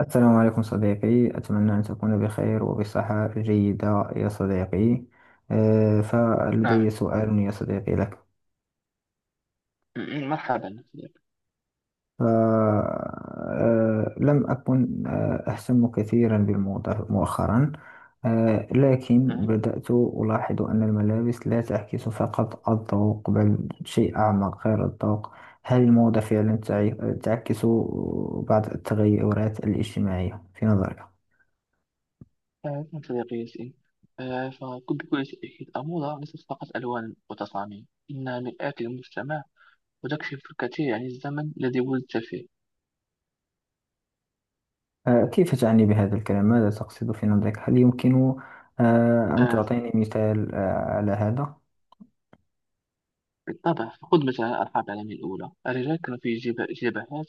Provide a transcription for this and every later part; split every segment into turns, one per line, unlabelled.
السلام عليكم صديقي، أتمنى أن تكون بخير وبصحة جيدة يا صديقي. فلدي
نعم.
سؤال يا صديقي لك.
مرحبا صديقي.
لم أكن أهتم كثيرا بالموضة مؤخرا. لكن
مهم.
بدأت ألاحظ أن الملابس لا تعكس فقط الذوق، بل شيء أعمق غير الذوق. هل الموضة فعلا تعكس بعض التغيرات الاجتماعية في نظرك؟
نعم صديقي ياسين. فكنت بكل تأكيد الموضة ليست فقط ألوان وتصاميم، إنها مرآة للمجتمع وتكشف الكثير عن الزمن الذي ولدت فيه.
كيف تعني بهذا الكلام؟ ماذا تقصد في نظرك؟ هل يمكن أن
آه،
تعطيني مثال على هذا؟
بالطبع، خذ مثلا الحرب العالمية الأولى. الرجال كانوا في جبهات،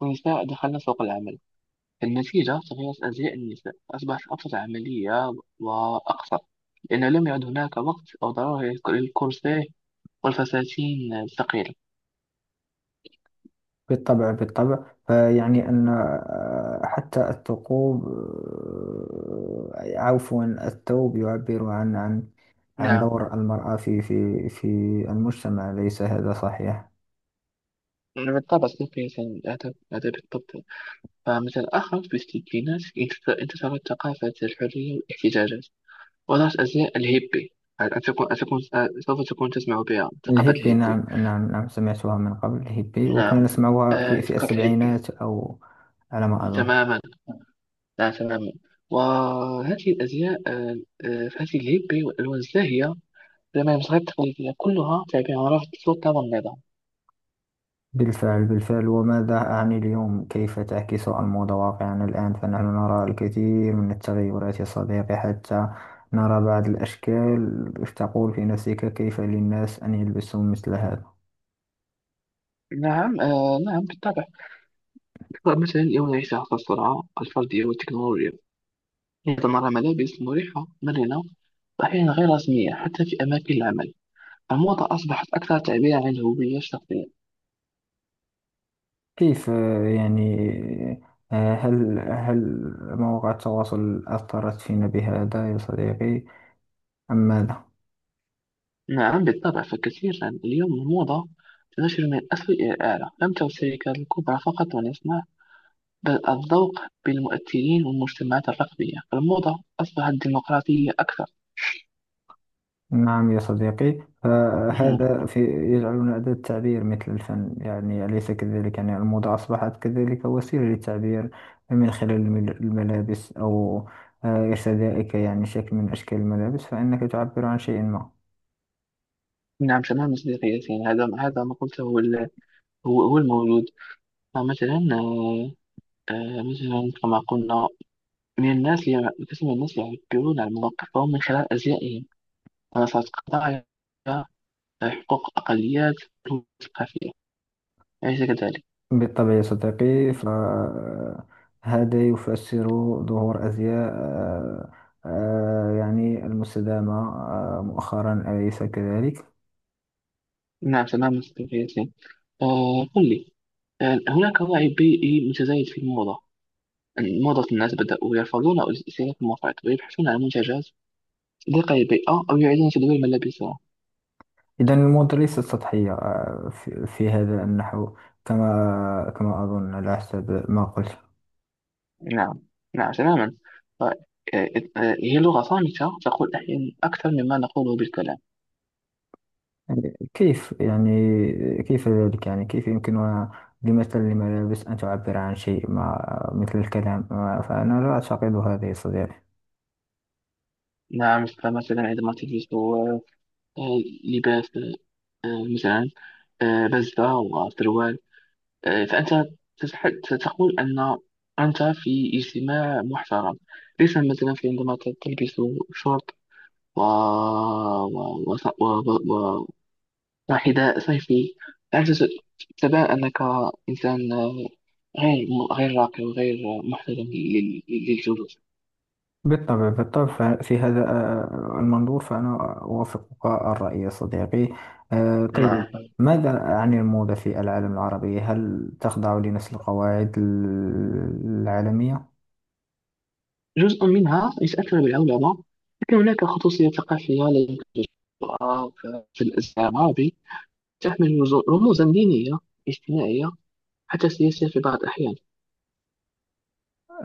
والنساء دخلن سوق العمل. النتيجة تغيرت أزياء النساء، أصبحت أكثر عملية وأقصر، لأنه لم يعد هناك وقت أو ضرورة للكورسيه والفساتين الثقيلة.
بالطبع، بالطبع. فيعني أن حتى الثقوب، عفوا الثوب يعبر عن عن
نعم
دور المرأة في المجتمع، ليس هذا صحيح؟
بالطبع، سوف يساهم الأدب أدب الطب. فمثل آخر بالسكينات، انتصرت ثقافة الحرية والاحتجاجات، وظهرت أزياء الهيبي. أن تكون أن تكون سوف تكون تسمع بها ثقافة
الهيبي، نعم
الهيبي.
نعم نعم، سمعتها من قبل الهيبي، وكنا
نعم.
نسمعها في
ثقافة الهيبي،
السبعينات، أو على ما أظن.
تماما. لا، تماما. وهذه الأزياء، فهذه الهيبي والألوان الزاهية، لما المصاغات التقليدية كلها تعبير عن رفض السلطة والنظام.
بالفعل بالفعل. وماذا أعني اليوم؟ كيف تعكس الموضة واقعنا الآن؟ فنحن نرى الكثير من التغيرات يا صديقي، حتى نرى بعض الأشكال تقول في نفسك: كيف للناس أن يلبسوا مثل هذا؟
نعم. نعم بالطبع. مثلا يوم نعيش عصر السرعة الفردية والتكنولوجيا، يتضمن ملابس مريحة مرنة وأحيانا غير رسمية حتى في أماكن العمل. الموضة أصبحت أكثر تعبير عن الهوية الشخصية.
كيف يعني، هل مواقع التواصل أثرت فينا بهذا يا صديقي، أم ماذا؟
نعم بالطبع، فكثيرا اليوم الموضة تنتشر من الأسفل إلى الأعلى. لم تعد الشركات الكبرى فقط من يصنع بل الذوق، بالمؤثرين والمجتمعات الرقمية. الموضة أصبحت ديمقراطية أكثر.
نعم يا صديقي، فهذا
مم.
يجعلنا أداة تعبير مثل الفن، يعني أليس كذلك؟ يعني الموضة أصبحت كذلك وسيلة للتعبير من خلال الملابس، أو ارتدائك يعني شكل من أشكال الملابس، فإنك تعبر عن شيء ما.
نعم تماما صديقي ياسين، هذا ما قلته، هو هو الموجود. فمثلا، مثلا كما قلنا، قسم من الناس اللي يعبرون عن مواقفهم من خلال أزيائهم، منصات قضايا حقوق الأقليات الثقافية، أليس كذلك؟
بالطبع يا صديقي، فهذا يفسر ظهور أزياء يعني المستدامة مؤخرا، أليس كذلك؟
نعم تماما صديقي ياسين. قل لي، هناك وعي بيئي متزايد في الموضة. موضة الناس بدأوا يرفضون أو استهلاك المفرط، ويبحثون عن منتجات صديقة للبيئة، أو يعيدون تدوير ملابسهم.
إذا الموضة ليست سطحية في هذا النحو، كما كما أظن على حسب ما قلت.
نعم، نعم تماما. ف- آه، هي لغة صامتة تقول أحيانا أكثر مما نقوله بالكلام.
يعني كيف يعني، كيف ذلك؟ يعني كيف يمكنها بمثل الملابس أن تعبر عن شيء ما مثل الكلام؟ فأنا لا أعتقد هذا يا صديقي.
نعم، فمثلا عندما تجلس، لباس، مثلا بزة وسروال، فأنت تتح- تقول أن أنت في اجتماع محترم. ليس مثلا في عندما تلبس شورت و... و... وص- و... و... و... وحذاء صيفي. أنت تبان أنك إنسان، غير غير راقي وغير محترم للجلوس.
بالطبع بالطبع. في هذا المنظور، فأنا أوافقك الرأي يا صديقي. طيب،
نعم،
ماذا عن الموضة في العالم العربي؟ هل تخضع لنفس القواعد العالمية؟
جزء منها يتأثر بالعولمة، لكن هناك خصوصية ثقافية لدى الجرأة في الإسلام العربي، تحمل رموزا دينية، اجتماعية، حتى سياسية في بعض الأحيان.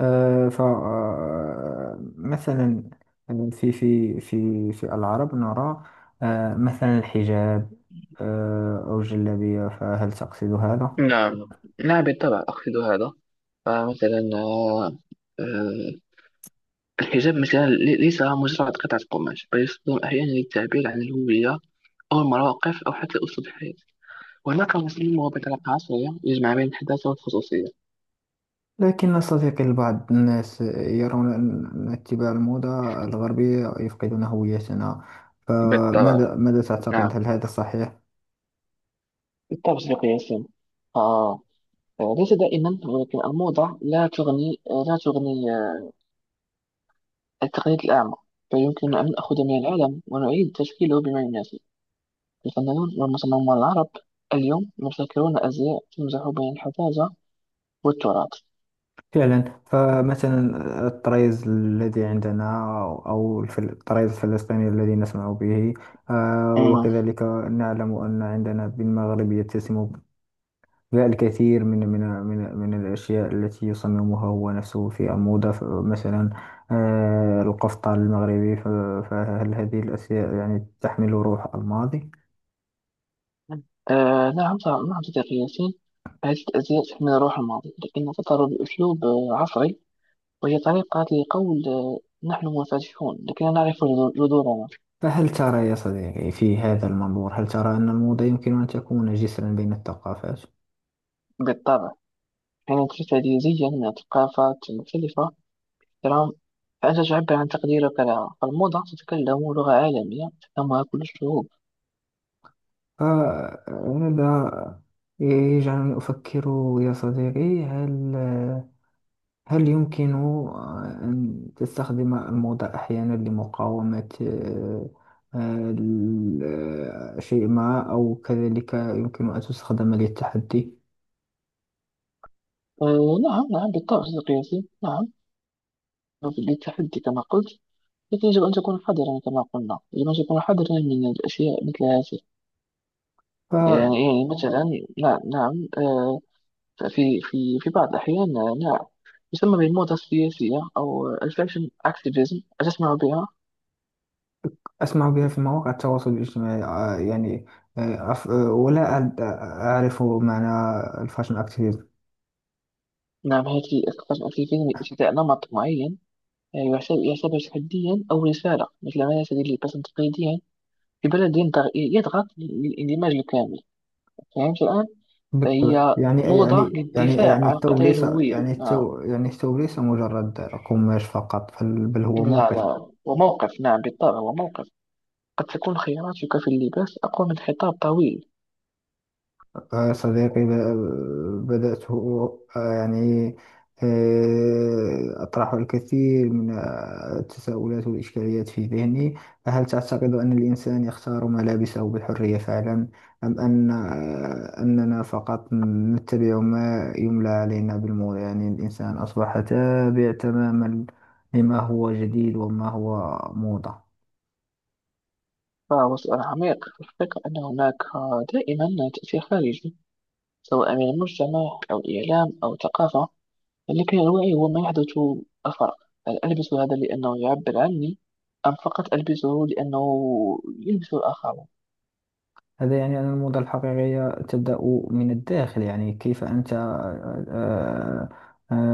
آه، ف آه، مثلا في العرب نرى مثلا الحجاب، أو الجلابية، فهل تقصد هذا؟
نعم، نعم بالطبع أقصد هذا. فمثلا آه، الحجاب مثلا ليس مجرد قطعة قماش، بل يستخدم أحيانا للتعبير عن الهوية، أو المواقف، أو حتى أسلوب الحياة. وهناك مسلم هو بطريقة عصرية يجمع بين الحداثة والخصوصية.
لكن صديقي، البعض الناس يرون أن اتباع الموضة الغربية يفقدون هويتنا.
بالطبع.
فماذا تعتقد؟
نعم
هل هذا صحيح؟
بالطبع صديقي ياسين، ليس دائما، ولكن الموضة لا تغني التقليد الأعمى، بل يمكننا أن نأخذ من العالم ونعيد تشكيله بما يناسب. الفنانون والمصممون العرب اليوم يبتكرون أزياء تمزح بين الحداثة والتراث.
فعلا. فمثلا الطريز الذي عندنا، أو الطريز الفلسطيني الذي نسمع به،
أمم.
وكذلك نعلم أن عندنا بالمغرب يتسم الكثير من الأشياء التي يصممها هو نفسه في الموضة. مثلا القفطان المغربي. فهل هذه الأشياء يعني تحمل روح الماضي؟
نعم، نعم صديقي ياسين. هذه الأزياء تحمل روح الماضي، لكنها تظهر بأسلوب عصري. وهي طريقة لقول، نحن منفتحون لكننا نعرف جذورنا.
فهل ترى يا صديقي في هذا المنظور، هل ترى أن الموضة يمكن أن تكون جسرا بين الثقافات؟
بالطبع، حين تشتري زيا من ثقافات مختلفة، ترى، فأنت تعبر عن تقديرك لها. فالموضة تتكلم لغة عالمية تفهمها كل الشعوب.
آه، هذا يجعلني أفكر يا صديقي. هل يمكن أن تستخدم الموضة أحيانا لمقاومة آه، ال- شيء ما، أو كذلك يمكن أن تستخدم للتحدي؟
أه، نعم نعم بالطبع صديقي ياسين. نعم للتحدي كما قلت، لكن يجب أن تكون حذرا. كما قلنا، يجب أن تكون حذرا من الأشياء مثل هذه. يعني
فأسمع
يعني مثلا، نعم نعم، أه، في بعض الأحيان، نعم، يسمى بالموضة السياسية أو الفاشن أكتيفيزم. أتسمع بها؟
بها في مواقع التواصل الاجتماعي. يعني، ولا أعرف معنى الفاشن أكتيفيزم.
نعم، هذه أكثر في فيلم ارتداء نمط معين، يعتبر تحديا أو رسالة، مثل ما يرتدي اللباس تقليديا في بلد يضغط للاندماج الكامل. فهمت الآن؟
بالطبع.
فهي
يعني
موضة
يعني يعني،
للدفاع
يعني
عن
الثوب
قضايا
ليس،
الهوية
يعني
آه.
الثوب، يعني الثوب ليس مجرد قماش فقط، بل هو
لا
موقع.
لا، وموقف. نعم بالطبع، وموقف. قد تكون خياراتك في اللباس أقوى من خطاب طويل.
صديقي، بدأت يعني أطرح الكثير من التساؤلات والإشكاليات في ذهني. هل تعتقد أن الإنسان يختار ملابسه بحرية فعلا، أم أن أننا فقط نتبع ما يملى علينا بالمول؟ يعني الإنسان أصبح تابع تماما لما هو جديد وما هو موضة.
فهو سؤال عميق، في الفكرة أن هناك، دائما تأثير خارجي، سواء من المجتمع أو الإعلام أو الثقافة. لكن الوعي هو ما يحدث الفرق. هل ألبس هذا لأنه يعبر عني، أم فقط ألبسه لأنه يلبس الآخرون؟
هذا يعني أن الموضة الحقيقية تبدأ من الداخل. يعني كيف أنت آه، آه،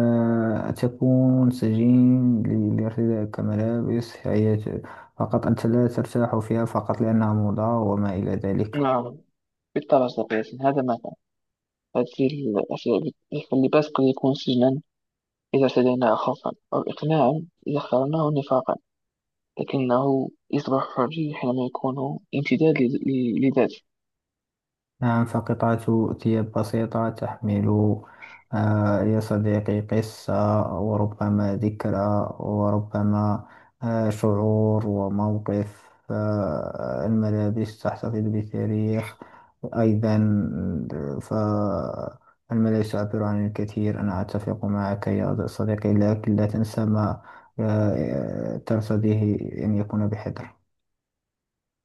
آه، تكون سجين لارتدائك ملابس هي فقط أنت لا ترتاح فيها، فقط لأنها موضة وما إلى ذلك.
نعم بالطبع صديقي. هذا مثلا، هذه الأشياء اللي باسكل يكون سجنا، إذا ارتديناه خوفا أو إقناعا، إذا اخترناه نفاقا، لكنه يصبح حرية حينما يكون امتداد لذاته
نعم، فقطعة ثياب بسيطة تحمل يا صديقي قصة، وربما ذكرى، وربما شعور وموقف. الملابس تحتفظ بتاريخ أيضا. فالملابس تعبر عن الكثير، أنا أتفق معك يا صديقي، لكن لا تنسى ما ترتضيه أن يكون بحذر.